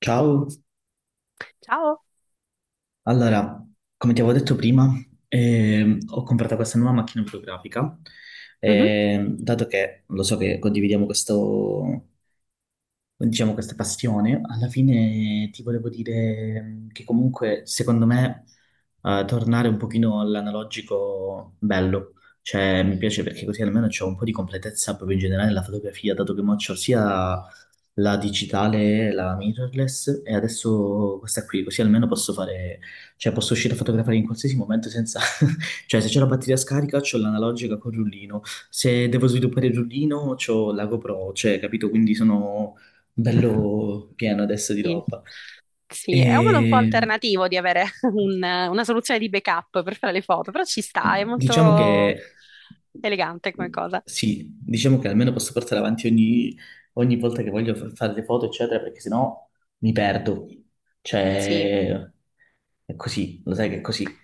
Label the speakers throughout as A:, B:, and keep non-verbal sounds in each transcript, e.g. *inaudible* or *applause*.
A: Ciao,
B: Ciao.
A: allora, come ti avevo detto prima, ho comprato questa nuova macchina fotografica,
B: Mhm.
A: dato che lo so che condividiamo questo, diciamo, questa passione, alla fine ti volevo dire che comunque, secondo me, tornare un pochino all'analogico bello. Cioè, mi piace perché così almeno c'è un po' di completezza proprio in generale nella fotografia, dato che mo c'ho sia la digitale, la mirrorless, e adesso questa qui, così almeno posso fare, cioè posso uscire a fotografare in qualsiasi momento senza... *laughs* Cioè, se c'è la batteria scarica, c'ho l'analogica col rullino. Se devo sviluppare il rullino, c'ho la GoPro, cioè, capito? Quindi sono bello pieno adesso di
B: Sì.
A: roba.
B: Sì, è un modo un po'
A: E
B: alternativo di avere *laughs* una soluzione di backup per fare le foto, però ci sta, è
A: diciamo che
B: molto elegante come cosa.
A: sì, diciamo che almeno posso portare avanti ogni, ogni volta che voglio fa- fare le foto, eccetera, perché sennò mi perdo.
B: Sì,
A: Cioè, è così, lo sai che è così.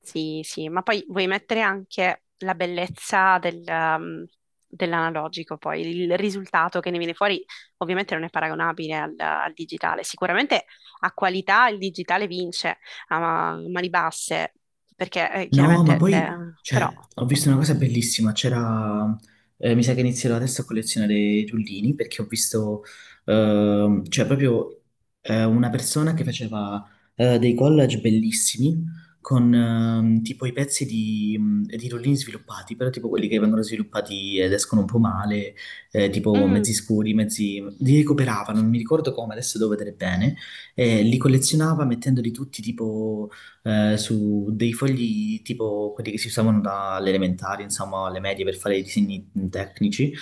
B: sì, sì, ma poi vuoi mettere anche la bellezza del, dell'analogico, poi il risultato che ne viene fuori ovviamente non è paragonabile al digitale, sicuramente a qualità il digitale vince a mani basse, perché
A: No, ma
B: chiaramente
A: poi,
B: però...
A: cioè, ho visto una cosa bellissima, c'era, mi sa che inizierò adesso a collezionare i rullini, perché ho visto, cioè, proprio una persona che faceva dei collage bellissimi con tipo i pezzi di rullini sviluppati, però tipo quelli che vengono sviluppati ed escono un po' male, tipo
B: Mm.
A: mezzi scuri, mezzi... li recuperava, non mi ricordo come, adesso devo vedere bene, li collezionava mettendoli tutti tipo su dei fogli tipo quelli che si usavano dalle elementari, insomma, alle medie per fare i disegni tecnici,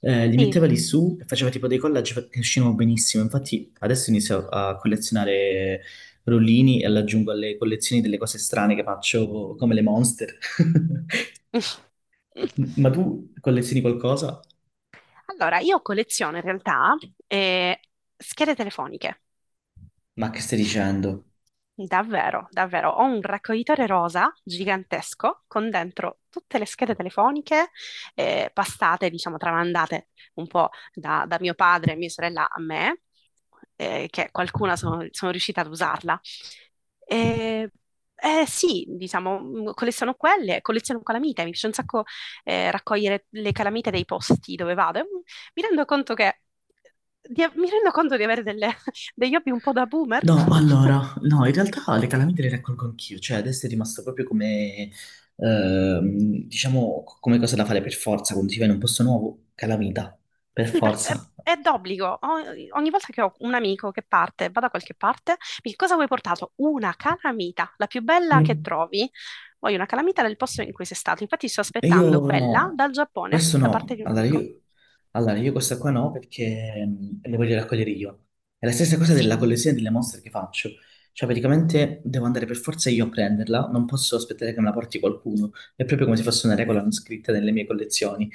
A: li
B: Sì.
A: metteva lì su e faceva che uscivano benissimo. Infatti adesso inizio a collezionare rollini e li aggiungo alle collezioni delle cose strane che faccio, come le monster. *laughs*
B: *laughs*
A: Ma tu collezioni qualcosa?
B: Allora, io colleziono in realtà eh, schede telefoniche.
A: Ma che stai dicendo?
B: Davvero, davvero. Ho un raccoglitore rosa gigantesco con dentro tutte le schede telefoniche passate, diciamo, tramandate un po' da mio padre e mia sorella a me, che qualcuna sono riuscita ad usarla. Eh, sì, diciamo, colleziono quelle, colleziono calamite, mi piace un sacco raccogliere le calamite dei posti dove vado. E, mi rendo conto che, mi rendo conto di avere *laughs* degli hobby un po' da boomer. *laughs*
A: No, allora, no, in realtà le calamite le raccolgo anch'io, cioè adesso è rimasto proprio come, diciamo, come cosa da fare per forza, quando si va in un posto nuovo, calamita, per
B: Sì,
A: forza.
B: è d'obbligo. Ogni volta che ho un amico che parte, va da qualche parte, mi dice, cosa vuoi portato? Una calamita, la più bella che
A: Mm.
B: trovi. Voglio una calamita del posto in cui sei stato. Infatti sto
A: E
B: aspettando
A: io
B: quella
A: no,
B: dal Giappone,
A: questo
B: da parte
A: no,
B: di un amico.
A: allora io questa qua no perché le voglio raccogliere io. È la stessa cosa
B: Sì.
A: della collezione delle mostre che faccio, cioè praticamente devo andare per forza io a prenderla, non posso aspettare che me la porti qualcuno, è proprio come se fosse una regola non scritta nelle mie collezioni.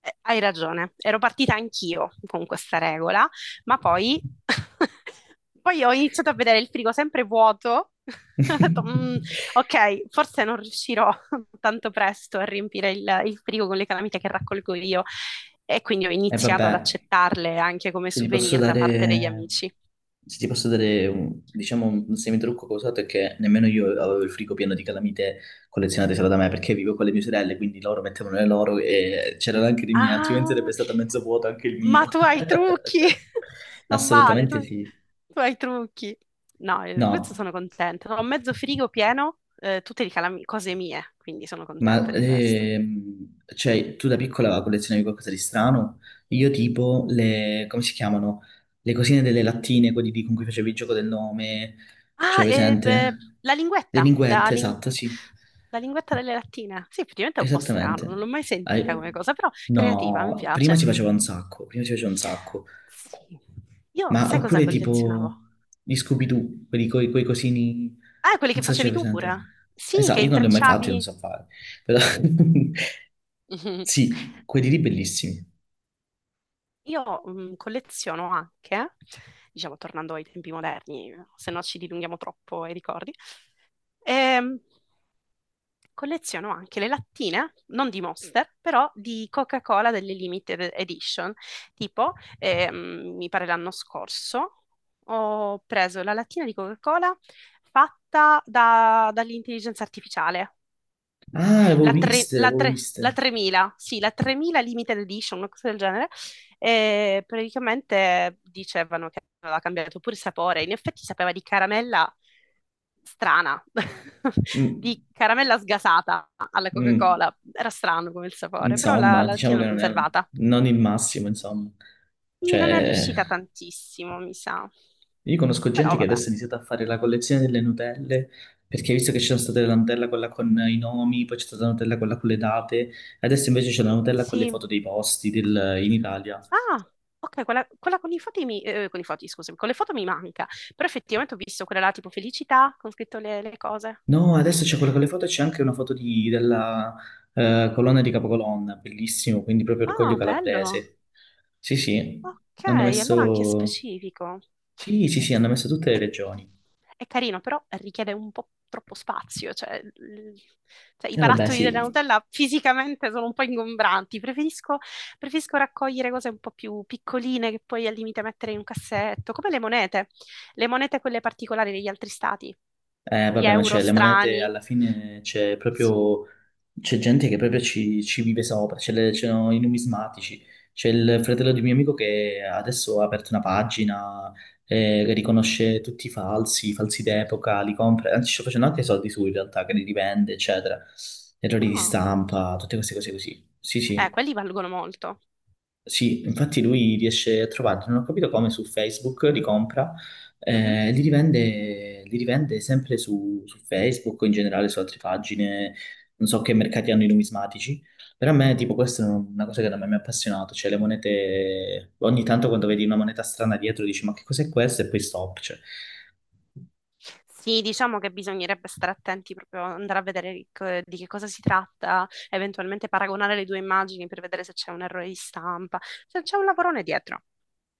B: Hai ragione, ero partita anch'io con questa regola, ma poi, *laughs* poi ho iniziato a vedere il frigo sempre vuoto. *laughs* Ho detto,
A: E
B: "Mm, ok, forse non riuscirò *laughs* tanto presto a riempire il frigo con le calamite che raccolgo io". E quindi ho iniziato
A: vabbè,
B: ad accettarle anche come
A: se ti posso
B: souvenir da parte degli
A: dare,
B: amici.
A: se ti posso dare un, diciamo un semitrucco che ho usato è che nemmeno io avevo il frigo pieno di calamite collezionate solo da me perché vivo con le mie sorelle, quindi loro mettevano le loro e c'erano anche le mie, altrimenti sarebbe
B: Ah,
A: stato mezzo vuoto anche il
B: ma
A: mio.
B: tu hai i trucchi! *laughs*
A: *laughs*
B: Non vale,
A: Assolutamente sì.
B: tu hai i trucchi. No, questo
A: No,
B: sono contenta. Ho mezzo frigo pieno, tutte di cose mie, quindi sono contenta
A: ma
B: di questo.
A: cioè, tu da piccola collezionavi qualcosa di strano? Io tipo le, come si chiamano? Le cosine delle lattine, con cui facevi il gioco del nome, cioè
B: Ah, e beh,
A: presente?
B: la
A: Le
B: linguetta, la,
A: linguette,
B: lin-
A: esatto, sì,
B: la linguetta delle lattine. Sì, effettivamente è un po' strano, non
A: esattamente.
B: l'ho mai sentita come
A: Hai-
B: cosa, però creativa, mi
A: No, prima si
B: piace.
A: faceva un sacco, prima si faceva un sacco.
B: Sì. Io,
A: Ma
B: sai cosa
A: oppure tipo
B: collezionavo?
A: gli Scooby-Doo, quelli coi, coi cosini,
B: Ah, quelli
A: non
B: che
A: so se c'è
B: facevi tu pure?
A: presente.
B: Sì, che
A: Esatto, io non li ho mai fatti, non
B: intrecciavi.
A: so fare, però... *laughs*
B: Mhm.
A: Sì, quelli lì bellissimi.
B: Io mm, colleziono anche, diciamo, tornando ai tempi moderni, se no ci dilunghiamo troppo ai ricordi, ehm, colleziono anche le lattine, non di Monster, però di Coca-Cola delle Limited Edition. Tipo, mi pare l'anno scorso, ho preso la lattina di Coca-Cola fatta dall'intelligenza artificiale.
A: Ah, le avevo
B: la, tre-
A: viste, le
B: la
A: avevo
B: tre-
A: viste.
B: la 3000, sì, la 3000 Limited Edition, una cosa del genere, e praticamente dicevano che aveva cambiato pure il sapore, in effetti sapeva di caramella strana, *laughs* di
A: Mm,
B: caramella sgasata alla
A: mm.
B: Coca-Cola, era strano come il sapore, però la
A: Insomma, diciamo
B: lattina
A: che
B: l'ho conservata.
A: non il massimo, insomma.
B: Quindi non è
A: Cioè,
B: riuscita tantissimo, mi sa,
A: io conosco gente
B: però
A: che
B: vabbè,
A: adesso ha iniziato a fare la collezione delle Nutelle, perché visto che c'è stata la Nutella quella con i nomi, poi c'è stata la Nutella quella con le date, adesso invece c'è la Nutella con le
B: sì.
A: foto in Italia.
B: Ah, ok, quella con i foti, mi, con i foti, scusami, con le foto mi manca, però effettivamente ho visto quella là tipo felicità, con scritto le cose.
A: No, adesso c'è quella con le foto, c'è anche una della colonna di Capocolonna, bellissimo, quindi proprio Orgoglio
B: Ah, bello.
A: Calabrese. Sì, sì,
B: Ok,
A: hanno
B: allora anche
A: messo...
B: specifico.
A: Sì, sì,
B: Eh,
A: sì, hanno messo tutte le
B: È,
A: regioni.
B: è carino, però richiede un po' troppo spazio, cioè, cioè, i
A: E vabbè,
B: barattoli della
A: sì,
B: Nutella fisicamente sono un po' ingombranti. Preferisco, preferisco raccogliere cose un po' più piccoline che poi al limite mettere in un cassetto, come le monete quelle particolari degli altri stati,
A: eh,
B: gli
A: vabbè, ma
B: euro
A: c'è le monete
B: strani.
A: alla fine c'è
B: Sì,
A: proprio c'è gente che proprio ci, ci vive sopra, c'erano i numismatici, c'è il fratello di un mio amico che adesso ha aperto una pagina che riconosce tutti i falsi d'epoca, li compra, anzi sta facendo anche soldi su in realtà, che li rivende, eccetera, errori di
B: no,
A: stampa, tutte queste cose così. Sì, sì.
B: quelli valgono molto.
A: Sì, infatti lui riesce a trovarli, non ho capito come su Facebook li compra,
B: Mhm.
A: li rivende sempre su, su Facebook o in generale su altre pagine, non so che mercati hanno i numismatici, però a me tipo questa è una cosa che da me mi ha appassionato, cioè le monete, ogni tanto quando vedi una moneta strana dietro dici ma che cos'è questo e poi stop, cioè.
B: Sì, diciamo che bisognerebbe stare attenti proprio andare a vedere di di che cosa si tratta, eventualmente paragonare le due immagini per vedere se c'è un errore di stampa, se c'è un lavorone dietro.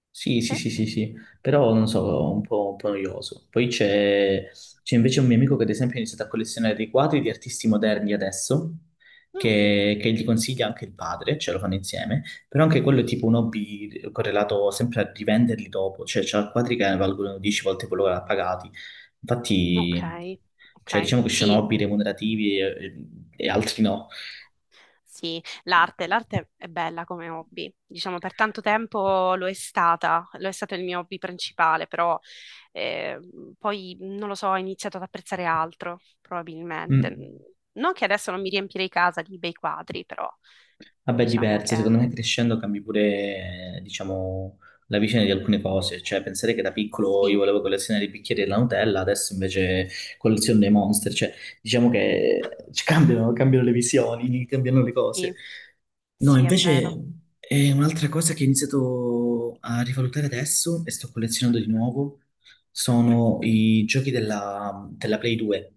A: Sì, sì,
B: Sì.
A: sì, sì, sì, però non so, un po' noioso. Poi c'è c'è invece un mio amico che ad esempio ha iniziato a collezionare dei quadri di artisti moderni adesso,
B: Mm,
A: che gli consiglia anche il padre, ce lo fanno insieme, però anche quello è tipo un hobby correlato sempre a rivenderli dopo, cioè c'ha quadri che valgono 10 volte quello che l'ha pagati.
B: ok,
A: Infatti, cioè
B: ok.
A: diciamo che ci sono
B: Sì,
A: hobby remunerativi e, e altri no.
B: sì, l'arte, l'arte è bella come hobby, diciamo per tanto tempo lo è stata, lo è stato il mio hobby principale, però eh, poi non lo so, ho iniziato ad apprezzare altro, probabilmente.
A: Mm.
B: Non che adesso non mi riempirei casa di bei quadri, però
A: Vabbè,
B: diciamo
A: diversa,
B: che
A: secondo me
B: mm,
A: crescendo cambi pure, diciamo, la visione di alcune cose, cioè pensare che da piccolo io
B: sì,
A: volevo collezionare i bicchieri della Nutella, adesso invece colleziono dei Monster, cioè diciamo che ci cambiano, cambiano le visioni, cambiano le
B: sì,
A: cose. No,
B: sì, è
A: invece
B: vero.
A: è un'altra cosa che ho iniziato a rivalutare adesso e sto collezionando di nuovo, sono i giochi della, della Play 2.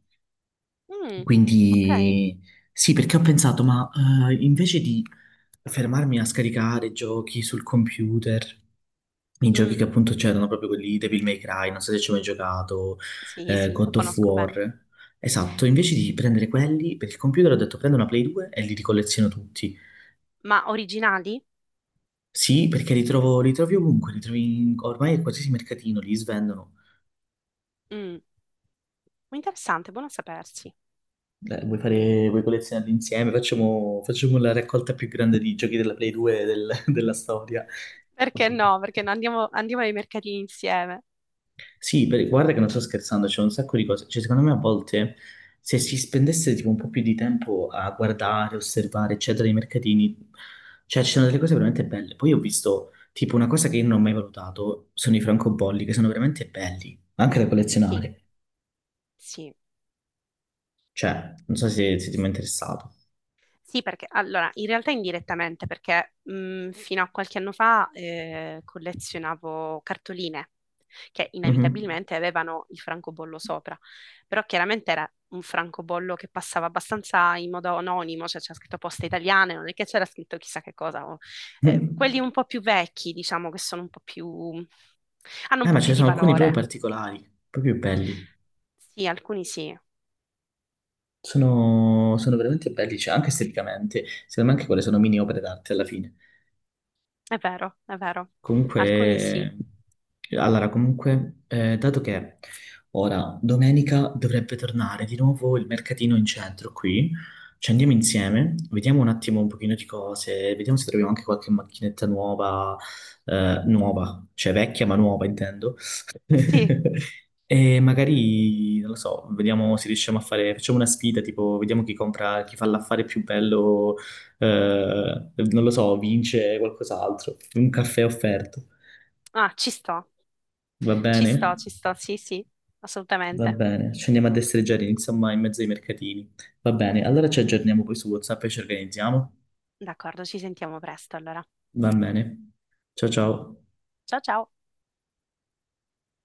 B: Mm, ok.
A: Quindi sì, perché ho pensato, ma invece di fermarmi a scaricare giochi sul computer, i giochi
B: Mm,
A: che appunto c'erano proprio quelli Devil May Cry, non so se ci ho mai giocato,
B: sì, sì, lo
A: God of
B: conosco bene.
A: War. Esatto, invece di prendere quelli per il computer ho detto prendo una Play 2 e li ricolleziono tutti.
B: Ma originali?
A: Sì, perché li trovo, li trovi ovunque, ormai in qualsiasi mercatino, li svendono.
B: Mm, interessante, buono a sapersi.
A: Vuoi fare, vuoi collezionarli insieme? Facciamo, facciamo la raccolta più grande di giochi della *laughs* della storia.
B: Perché no? Perché no? Andiamo, andiamo ai mercatini insieme.
A: Sì, guarda che non sto scherzando, c'è un sacco di cose. Cioè, secondo me a volte se si spendesse tipo un po' più di tempo a guardare, osservare, eccetera, i mercatini, cioè ci sono delle cose veramente belle. Poi ho visto tipo una cosa che io non ho mai valutato, sono i francobolli, che sono veramente belli, anche da
B: Sì,
A: collezionare.
B: sì,
A: Cioè, non so
B: sì.
A: se, se ti è mai interessato.
B: Sì, perché allora, in realtà indirettamente, perché fino a qualche anno fa collezionavo cartoline che
A: Mhm.
B: inevitabilmente avevano il francobollo sopra, però chiaramente era un francobollo che passava abbastanza in modo anonimo, cioè c'era scritto poste italiane, non è che c'era scritto chissà che cosa. Eh, quelli un
A: *laughs*
B: po' più vecchi, diciamo, che sono un po' più... hanno un
A: Ma
B: po'
A: ce
B: più
A: ne
B: di
A: sono alcuni proprio
B: valore.
A: particolari, proprio belli.
B: Sì, alcuni sì.
A: Sono, sono veramente belli, cioè, anche esteticamente. Secondo me anche quelle sono mini opere d'arte alla fine.
B: È vero, è vero. Alcuni sì.
A: Comunque, allora, comunque, dato che ora domenica dovrebbe tornare di nuovo il mercatino in centro qui, ci andiamo insieme, vediamo un attimo un pochino di cose, vediamo se troviamo anche qualche macchinetta nuova, nuova, cioè vecchia ma nuova intendo.
B: Sì,
A: *laughs* E magari, non lo so, vediamo se riusciamo a fare, facciamo una sfida, tipo, vediamo chi compra, chi fa l'affare più bello non lo so, vince qualcos'altro, un caffè offerto,
B: ah, ci sto.
A: va
B: Ci
A: bene?
B: sto, ci sto. Sì, sì,
A: Va
B: assolutamente.
A: bene, ci andiamo a destreggiare, insomma, in mezzo ai mercatini. Va bene, allora ci aggiorniamo poi su WhatsApp e ci organizziamo.
B: D'accordo, ci sentiamo presto allora.
A: Va bene. Ciao ciao.
B: Ciao ciao.